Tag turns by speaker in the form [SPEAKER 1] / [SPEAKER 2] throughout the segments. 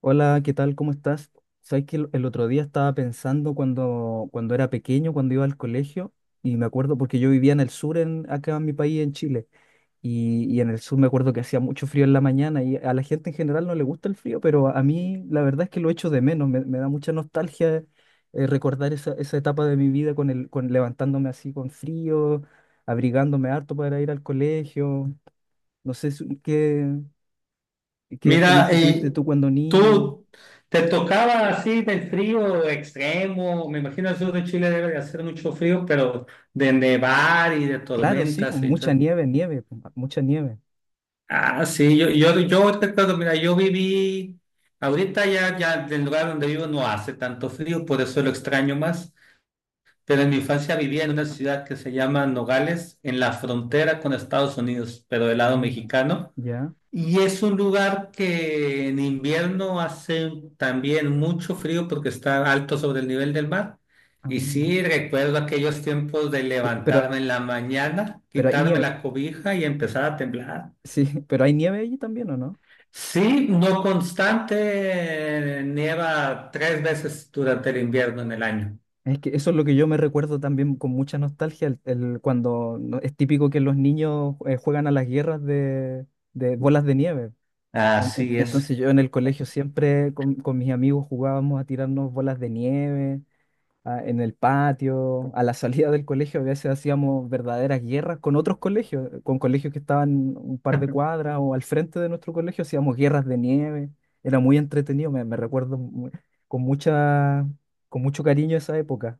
[SPEAKER 1] Hola, ¿qué tal? ¿Cómo estás? Sabes que el otro día estaba pensando cuando era pequeño, cuando iba al colegio, y me acuerdo porque yo vivía en el sur, acá en mi país, en Chile, y en el sur me acuerdo que hacía mucho frío en la mañana, y a la gente en general no le gusta el frío, pero a mí la verdad es que lo echo de menos, me da mucha nostalgia, recordar esa etapa de mi vida con levantándome así con frío, abrigándome harto para ir al colegio, no sé qué
[SPEAKER 2] Mira,
[SPEAKER 1] experiencia tuviste tú cuando niño.
[SPEAKER 2] tú te tocaba así del frío extremo. Me imagino el sur de Chile debe de hacer mucho frío, pero de nevar y de
[SPEAKER 1] Claro, sí, pues,
[SPEAKER 2] tormentas y
[SPEAKER 1] mucha
[SPEAKER 2] tal.
[SPEAKER 1] nieve, pues, mucha nieve.
[SPEAKER 2] Ah, sí, yo recuerdo, mira, yo viví, ahorita ya del lugar donde vivo no hace tanto frío, por eso lo extraño más, pero en mi infancia vivía en una ciudad que se llama Nogales, en la frontera con Estados Unidos, pero del lado
[SPEAKER 1] Ah,
[SPEAKER 2] mexicano.
[SPEAKER 1] ya.
[SPEAKER 2] Y es un lugar que en invierno hace también mucho frío porque está alto sobre el nivel del mar. Y
[SPEAKER 1] Ah.
[SPEAKER 2] sí, recuerdo aquellos tiempos de
[SPEAKER 1] Pe- Pero,
[SPEAKER 2] levantarme en la mañana,
[SPEAKER 1] pero hay
[SPEAKER 2] quitarme
[SPEAKER 1] nieve,
[SPEAKER 2] la cobija y empezar a temblar.
[SPEAKER 1] sí, pero hay nieve allí también, ¿o no?
[SPEAKER 2] Sí, no constante, nieva tres veces durante el invierno en el año.
[SPEAKER 1] Es que eso es lo que yo me recuerdo también con mucha nostalgia, cuando es típico que los niños juegan a las guerras de bolas de nieve. En- en-
[SPEAKER 2] Así es.
[SPEAKER 1] Entonces yo en el colegio siempre con mis amigos jugábamos a tirarnos bolas de nieve en el patio, a la salida del colegio, a veces hacíamos verdaderas guerras con otros colegios, con colegios que estaban un par de cuadras o al frente de nuestro colegio, hacíamos guerras de nieve, era muy entretenido, me recuerdo con mucha, con mucho cariño esa época.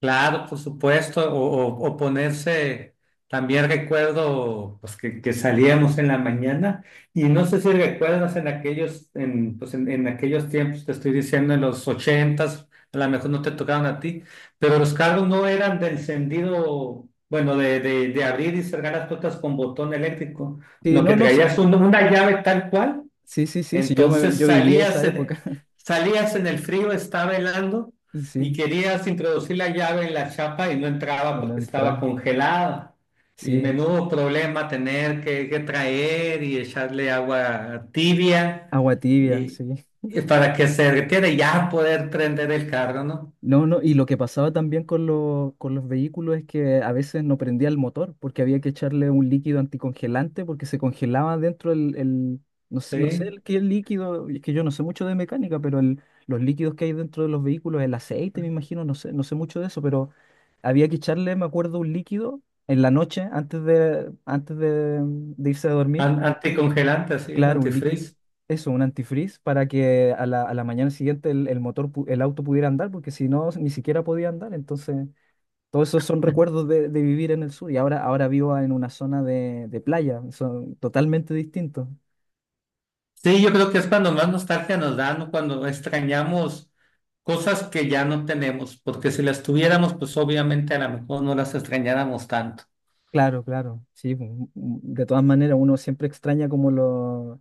[SPEAKER 2] Claro, por supuesto, o ponerse, también recuerdo pues, que salíamos en la mañana y no sé si recuerdas en aquellos, en, pues, en aquellos tiempos, te estoy diciendo en los ochentas, a lo mejor no te tocaron a ti, pero los carros no eran de encendido, bueno, de abrir y cerrar las puertas con botón eléctrico,
[SPEAKER 1] Sí,
[SPEAKER 2] no que
[SPEAKER 1] no, no, sí,
[SPEAKER 2] traías una llave tal cual.
[SPEAKER 1] sí, sí, sí, sí, yo, me-
[SPEAKER 2] Entonces
[SPEAKER 1] yo viví esa época,
[SPEAKER 2] salías en el frío, estaba helando y
[SPEAKER 1] sí,
[SPEAKER 2] querías introducir la llave en la chapa y no entraba
[SPEAKER 1] y no
[SPEAKER 2] porque estaba
[SPEAKER 1] entra,
[SPEAKER 2] congelada. Y
[SPEAKER 1] sí,
[SPEAKER 2] menudo problema tener que traer y echarle agua tibia
[SPEAKER 1] agua tibia,
[SPEAKER 2] y,
[SPEAKER 1] sí.
[SPEAKER 2] y para que se derritiera y ya poder prender el carro, ¿no?
[SPEAKER 1] No, no, y lo que pasaba también con los vehículos es que a veces no prendía el motor porque había que echarle un líquido anticongelante porque se congelaba dentro no sé
[SPEAKER 2] Sí,
[SPEAKER 1] el qué líquido, es que yo no sé mucho de mecánica, los líquidos que hay dentro de los vehículos, el aceite, me imagino, no sé, no sé mucho de eso, pero había que echarle, me acuerdo, un líquido en la noche antes de irse a dormir.
[SPEAKER 2] Anticongelante, sí, es
[SPEAKER 1] Claro, un líquido,
[SPEAKER 2] antifreeze.
[SPEAKER 1] eso, un antifreeze para que a la mañana siguiente el motor, el auto pudiera andar, porque si no, ni siquiera podía andar. Entonces, todos esos son recuerdos de vivir en el sur y ahora, ahora vivo en una zona de playa, son totalmente distintos.
[SPEAKER 2] Sí, yo creo que es cuando más nostalgia nos dan, ¿no? Cuando extrañamos cosas que ya no tenemos, porque si las tuviéramos, pues obviamente a lo mejor no las extrañáramos tanto.
[SPEAKER 1] Claro, claro, sí. Pues, de todas maneras, uno siempre extraña como lo.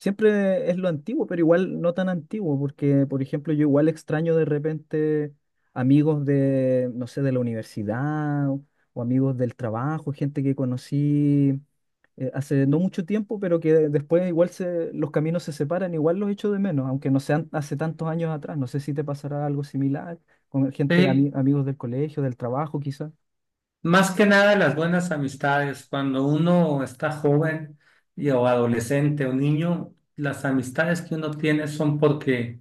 [SPEAKER 1] Siempre es lo antiguo, pero igual no tan antiguo, porque, por ejemplo, yo igual extraño de repente amigos de, no sé, de la universidad o amigos del trabajo, gente que conocí, hace no mucho tiempo, pero que después igual los caminos se separan, igual los echo de menos, aunque no sean hace tantos años atrás. No sé si te pasará algo similar con gente,
[SPEAKER 2] Sí,
[SPEAKER 1] amigos del colegio, del trabajo, quizás.
[SPEAKER 2] más que nada las buenas amistades. Cuando uno está joven y, o adolescente o niño, las amistades que uno tiene son porque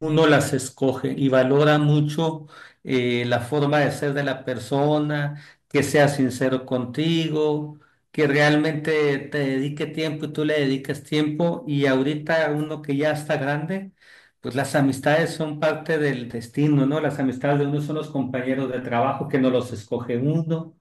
[SPEAKER 2] uno las escoge y valora mucho la forma de ser de la persona, que sea sincero contigo, que realmente te dedique tiempo y tú le dediques tiempo. Y ahorita uno que ya está grande, pues las amistades son parte del destino, ¿no? Las amistades de uno son los compañeros de trabajo que no los escoge uno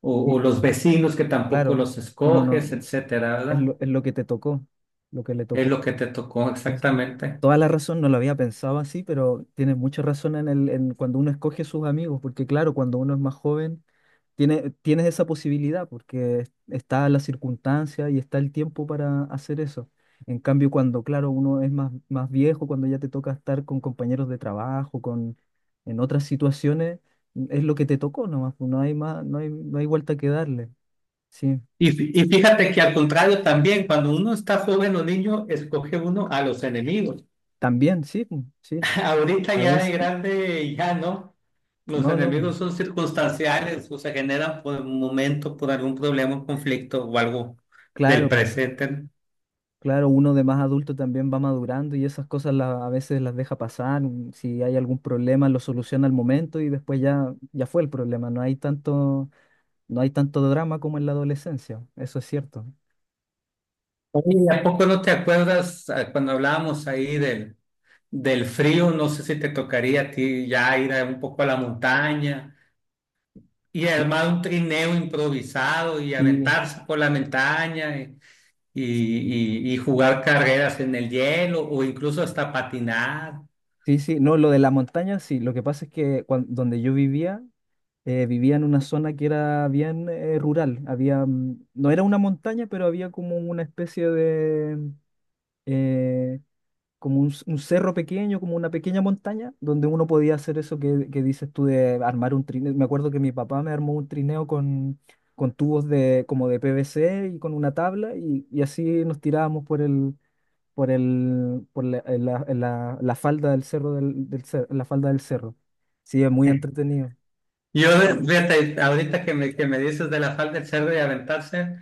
[SPEAKER 1] Y
[SPEAKER 2] o los vecinos que tampoco
[SPEAKER 1] claro,
[SPEAKER 2] los
[SPEAKER 1] uno no,
[SPEAKER 2] escoges, etcétera,
[SPEAKER 1] es
[SPEAKER 2] ¿verdad?
[SPEAKER 1] lo, es lo que te tocó, lo que le
[SPEAKER 2] Es
[SPEAKER 1] tocó.
[SPEAKER 2] lo que te tocó
[SPEAKER 1] Es
[SPEAKER 2] exactamente.
[SPEAKER 1] toda la razón, no lo había pensado así, pero tiene mucha razón en cuando uno escoge sus amigos, porque claro, cuando uno es más joven, tienes esa posibilidad, porque está la circunstancia y está el tiempo para hacer eso. En cambio, cuando, claro, uno es más, más viejo, cuando ya te toca estar con compañeros de trabajo, en otras situaciones, es lo que te tocó nomás, pues, no hay más, no hay vuelta que darle. Sí,
[SPEAKER 2] Y fíjate que al contrario también, cuando uno está joven o niño, escoge uno a los enemigos.
[SPEAKER 1] también, sí, pues, sí,
[SPEAKER 2] Ahorita
[SPEAKER 1] a
[SPEAKER 2] ya de
[SPEAKER 1] veces.
[SPEAKER 2] grande, ya no. Los
[SPEAKER 1] No, no,
[SPEAKER 2] enemigos son circunstanciales o se generan por un momento, por algún problema, un conflicto o algo del
[SPEAKER 1] claro,
[SPEAKER 2] presente, ¿no?
[SPEAKER 1] claro, uno de más adulto también va madurando y esas cosas a veces las deja pasar. Si hay algún problema, lo soluciona al momento y después ya, ya fue el problema. No hay tanto, drama como en la adolescencia, eso es cierto.
[SPEAKER 2] Oye, ¿y a poco no te acuerdas, cuando hablábamos ahí del frío? No sé si te tocaría a ti ya ir un poco a la montaña y
[SPEAKER 1] Sí,
[SPEAKER 2] armar un trineo improvisado y
[SPEAKER 1] sí,
[SPEAKER 2] aventarse por la montaña y y jugar carreras en el hielo o incluso hasta patinar.
[SPEAKER 1] sí, sí, no, lo de la montaña, sí, lo que pasa es que donde yo vivía, vivía en una zona que era bien rural, había, no era una montaña, pero había como una especie de, eh, como un cerro pequeño, como una pequeña montaña, donde uno podía hacer eso que dices tú de armar un trineo. Me acuerdo que mi papá me armó un trineo con tubos como de PVC y con una tabla y así nos tirábamos por el, por el, por la, en la, en la- la falda del cerro la falda del cerro. Sí, es muy entretenido.
[SPEAKER 2] Yo, fíjate, ahorita que que me dices de la falda del cerdo y aventarse,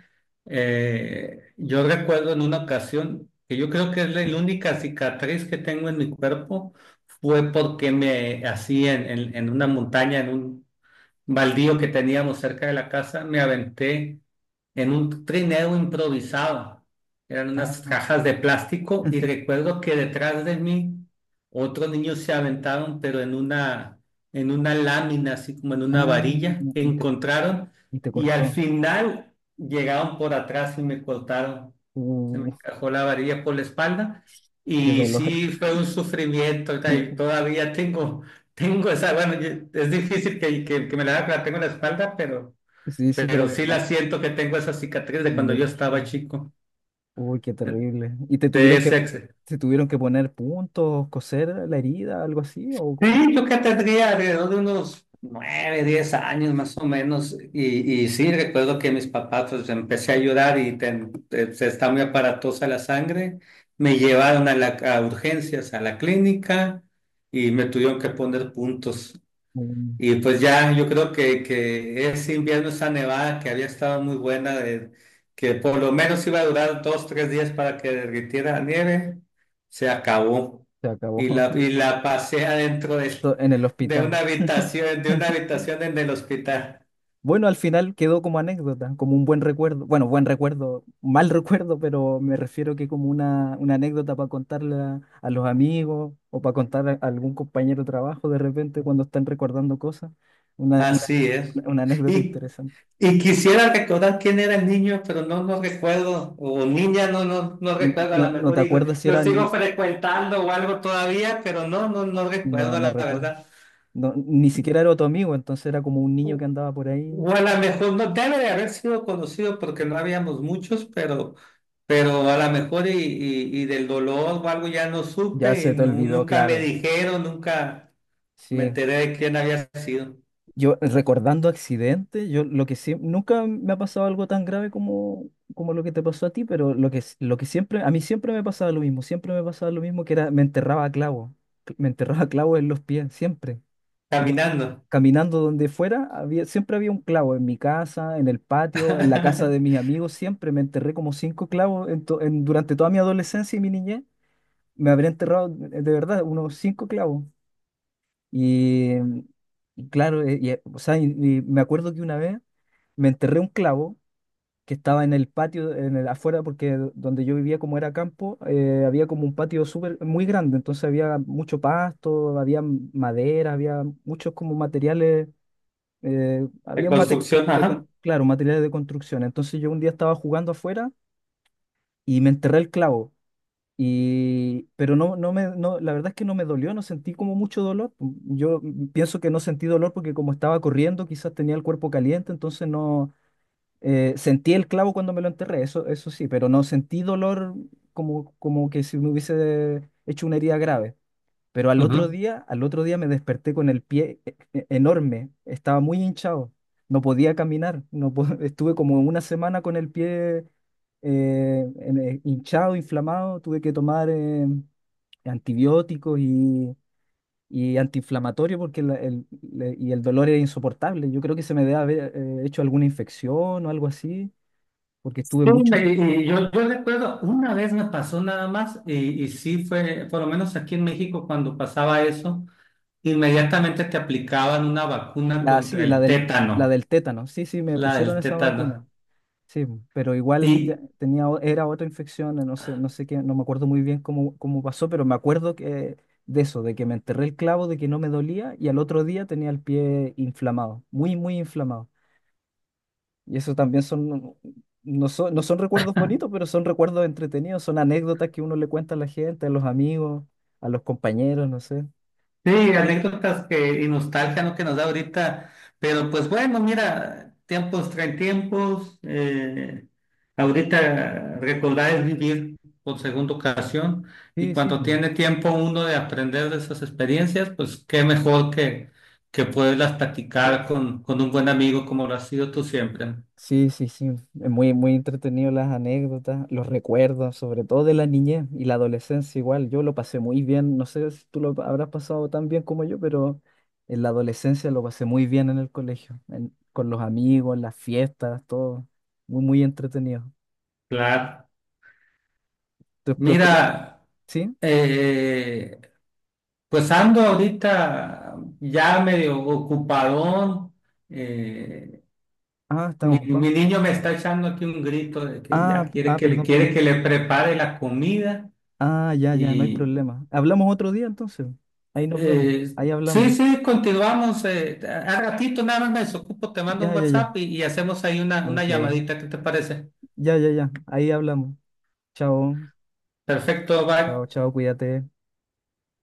[SPEAKER 2] yo recuerdo en una ocasión que yo creo que es la única cicatriz que tengo en mi cuerpo, fue porque me hacían en una montaña, en un baldío que teníamos cerca de la casa. Me aventé en un trineo improvisado. Eran unas cajas de plástico y recuerdo que detrás de mí otros niños se aventaron, pero en una lámina, así como en una
[SPEAKER 1] Ah,
[SPEAKER 2] varilla que
[SPEAKER 1] y te,
[SPEAKER 2] encontraron,
[SPEAKER 1] y te
[SPEAKER 2] y al
[SPEAKER 1] cortó.
[SPEAKER 2] final llegaron por atrás y me cortaron, se me
[SPEAKER 1] Uh,
[SPEAKER 2] encajó la varilla por la espalda
[SPEAKER 1] qué
[SPEAKER 2] y
[SPEAKER 1] dolor.
[SPEAKER 2] sí fue un sufrimiento. O sea, y todavía tengo esa, bueno, es difícil que me la tengo en la espalda,
[SPEAKER 1] Sí, sí,
[SPEAKER 2] pero, sí la siento que tengo esa cicatriz de
[SPEAKER 1] me lo
[SPEAKER 2] cuando yo estaba
[SPEAKER 1] imagino.
[SPEAKER 2] chico.
[SPEAKER 1] Uy, qué terrible. ¿Y te
[SPEAKER 2] de
[SPEAKER 1] tuvieron que,
[SPEAKER 2] ese, ex-
[SPEAKER 1] te tuvieron que poner puntos, coser la herida, algo así? ¿O, o-
[SPEAKER 2] Sí, yo que tendría alrededor de unos 9, 10 años más o menos, y sí, recuerdo que mis papás, pues empecé a llorar y se está muy aparatosa la sangre. Me llevaron a urgencias, a la clínica, y me tuvieron que poner puntos.
[SPEAKER 1] o
[SPEAKER 2] Y pues ya, yo creo que ese invierno, esa nevada que había estado muy buena, de- que por lo menos iba a durar 2, 3 días para que derritiera la nieve, se acabó.
[SPEAKER 1] se acabó?
[SPEAKER 2] Y la, y la pasé adentro de,
[SPEAKER 1] ¿En el hospital?
[SPEAKER 2] de una habitación en el hospital.
[SPEAKER 1] Bueno, al final quedó como anécdota, como un buen recuerdo. Bueno, buen recuerdo, mal recuerdo, pero me refiero que como una anécdota para contarle a los amigos o para contar a algún compañero de trabajo de repente cuando están recordando cosas. Una, una,
[SPEAKER 2] Así es.
[SPEAKER 1] una anécdota
[SPEAKER 2] Y,
[SPEAKER 1] interesante.
[SPEAKER 2] y quisiera recordar quién era el niño, pero no, no recuerdo, o niña, no, no, no recuerdo, a lo
[SPEAKER 1] No, no te
[SPEAKER 2] mejor y
[SPEAKER 1] acuerdas si
[SPEAKER 2] lo
[SPEAKER 1] era.
[SPEAKER 2] sigo frecuentando o algo todavía, pero no, no, no
[SPEAKER 1] No,
[SPEAKER 2] recuerdo
[SPEAKER 1] no
[SPEAKER 2] la
[SPEAKER 1] recuerdo.
[SPEAKER 2] verdad.
[SPEAKER 1] No, ni siquiera era tu amigo, entonces era como un niño que andaba por
[SPEAKER 2] O
[SPEAKER 1] ahí.
[SPEAKER 2] a lo mejor no debe de haber sido conocido porque no habíamos muchos, pero a lo mejor y, y del dolor o algo ya no
[SPEAKER 1] Ya
[SPEAKER 2] supe y
[SPEAKER 1] se te olvidó,
[SPEAKER 2] nunca me
[SPEAKER 1] claro.
[SPEAKER 2] dijeron, nunca me
[SPEAKER 1] Sí.
[SPEAKER 2] enteré de quién había sido.
[SPEAKER 1] Yo recordando accidentes, yo lo que siempre, nunca me ha pasado algo tan grave como lo que te pasó a ti, pero lo que siempre, a mí siempre me pasaba lo mismo, siempre me pasaba lo mismo que era, me enterraba a clavo, en los pies, siempre. Do-
[SPEAKER 2] Caminando.
[SPEAKER 1] Caminando donde fuera, había, siempre había un clavo en mi casa, en el patio, en la casa de mis amigos, siempre me enterré como cinco clavos en durante toda mi adolescencia y mi niñez. Me habría enterrado de verdad unos cinco clavos. Y, y claro, o sea, y me acuerdo que una vez me enterré un clavo que estaba en el patio, afuera, porque donde yo vivía, como era campo, había como un patio súper muy grande, entonces había mucho pasto, había madera, había muchos como materiales,
[SPEAKER 2] De
[SPEAKER 1] había materiales
[SPEAKER 2] construcción, ajá.
[SPEAKER 1] claro, materiales de construcción. Entonces yo un día estaba jugando afuera y me enterré el clavo. Y, pero no, no me, no, la verdad es que no me dolió, no sentí como mucho dolor. Yo pienso que no sentí dolor porque como estaba corriendo, quizás tenía el cuerpo caliente, entonces no, sentí el clavo cuando me lo enterré, eso sí, pero no sentí dolor como que si me hubiese hecho una herida grave. Pero
[SPEAKER 2] Ujú.
[SPEAKER 1] al otro día me desperté con el pie enorme, estaba muy hinchado, no podía caminar, no po- estuve como una semana con el pie hinchado, inflamado, tuve que tomar antibióticos y antiinflamatorio porque la- el, le- y el dolor era insoportable. Yo creo que se me debe haber hecho alguna infección o algo así, porque
[SPEAKER 2] Sí,
[SPEAKER 1] estuve muchos
[SPEAKER 2] me-
[SPEAKER 1] días.
[SPEAKER 2] y- y yo, yo recuerdo, una vez me pasó nada más y sí fue, por lo menos aquí en México cuando pasaba eso, inmediatamente te aplicaban una vacuna contra
[SPEAKER 1] Sí, la
[SPEAKER 2] el
[SPEAKER 1] del, la
[SPEAKER 2] tétano,
[SPEAKER 1] del tétano, sí, sí, me
[SPEAKER 2] la
[SPEAKER 1] pusieron
[SPEAKER 2] del
[SPEAKER 1] esa vacuna.
[SPEAKER 2] tétano.
[SPEAKER 1] Sí, pero igual ya
[SPEAKER 2] Y,
[SPEAKER 1] tenía, era otra infección, no sé, no sé qué, no me acuerdo muy bien cómo pasó, pero me acuerdo que de eso, de que me enterré el clavo, de que no me dolía y al otro día tenía el pie inflamado, muy, muy inflamado. Y eso también son, no son, no son recuerdos bonitos, pero son recuerdos entretenidos, son anécdotas que uno le cuenta a la gente, a los amigos, a los compañeros, no sé.
[SPEAKER 2] sí, anécdotas que, y nostalgia, ¿no? Que nos da ahorita, pero pues bueno, mira, tiempos traen tiempos, ahorita recordar es vivir por segunda ocasión, y
[SPEAKER 1] Sí, sí.
[SPEAKER 2] cuando tiene tiempo uno de aprender de esas experiencias, pues qué mejor que poderlas platicar con un buen amigo como lo has sido tú siempre.
[SPEAKER 1] Sí, sí, sí. Es muy, muy entretenido las anécdotas, los recuerdos, sobre todo de la niñez y la adolescencia igual. Yo lo pasé muy bien. No sé si tú lo habrás pasado tan bien como yo, pero en la adolescencia lo pasé muy bien en el colegio, con los amigos, las fiestas, todo. Muy, muy entretenido.
[SPEAKER 2] Claro.
[SPEAKER 1] ¿Tu experiencia?
[SPEAKER 2] Mira,
[SPEAKER 1] ¿Sí?
[SPEAKER 2] eh, pues ando ahorita ya medio ocupadón. eh,
[SPEAKER 1] Ah, estás
[SPEAKER 2] Mi
[SPEAKER 1] ocupado.
[SPEAKER 2] niño me está echando aquí un grito de que
[SPEAKER 1] Ah,
[SPEAKER 2] ya quiere
[SPEAKER 1] ah, perdón,
[SPEAKER 2] que
[SPEAKER 1] perdón.
[SPEAKER 2] le prepare la comida
[SPEAKER 1] Ah, ya, ya, no hay
[SPEAKER 2] y
[SPEAKER 1] problema. Hablamos otro día entonces. Ahí nos vemos.
[SPEAKER 2] eh,
[SPEAKER 1] Ahí
[SPEAKER 2] sí,
[SPEAKER 1] hablamos.
[SPEAKER 2] sí, continuamos. A ratito nada más me desocupo, te mando
[SPEAKER 1] Ya,
[SPEAKER 2] un
[SPEAKER 1] ya, ya.
[SPEAKER 2] WhatsApp y hacemos ahí una
[SPEAKER 1] Ok.
[SPEAKER 2] llamadita, ¿qué te parece?
[SPEAKER 1] Ya, ya, ya. Ahí hablamos. Chao.
[SPEAKER 2] Perfecto, bye.
[SPEAKER 1] Chao, chao, cuídate.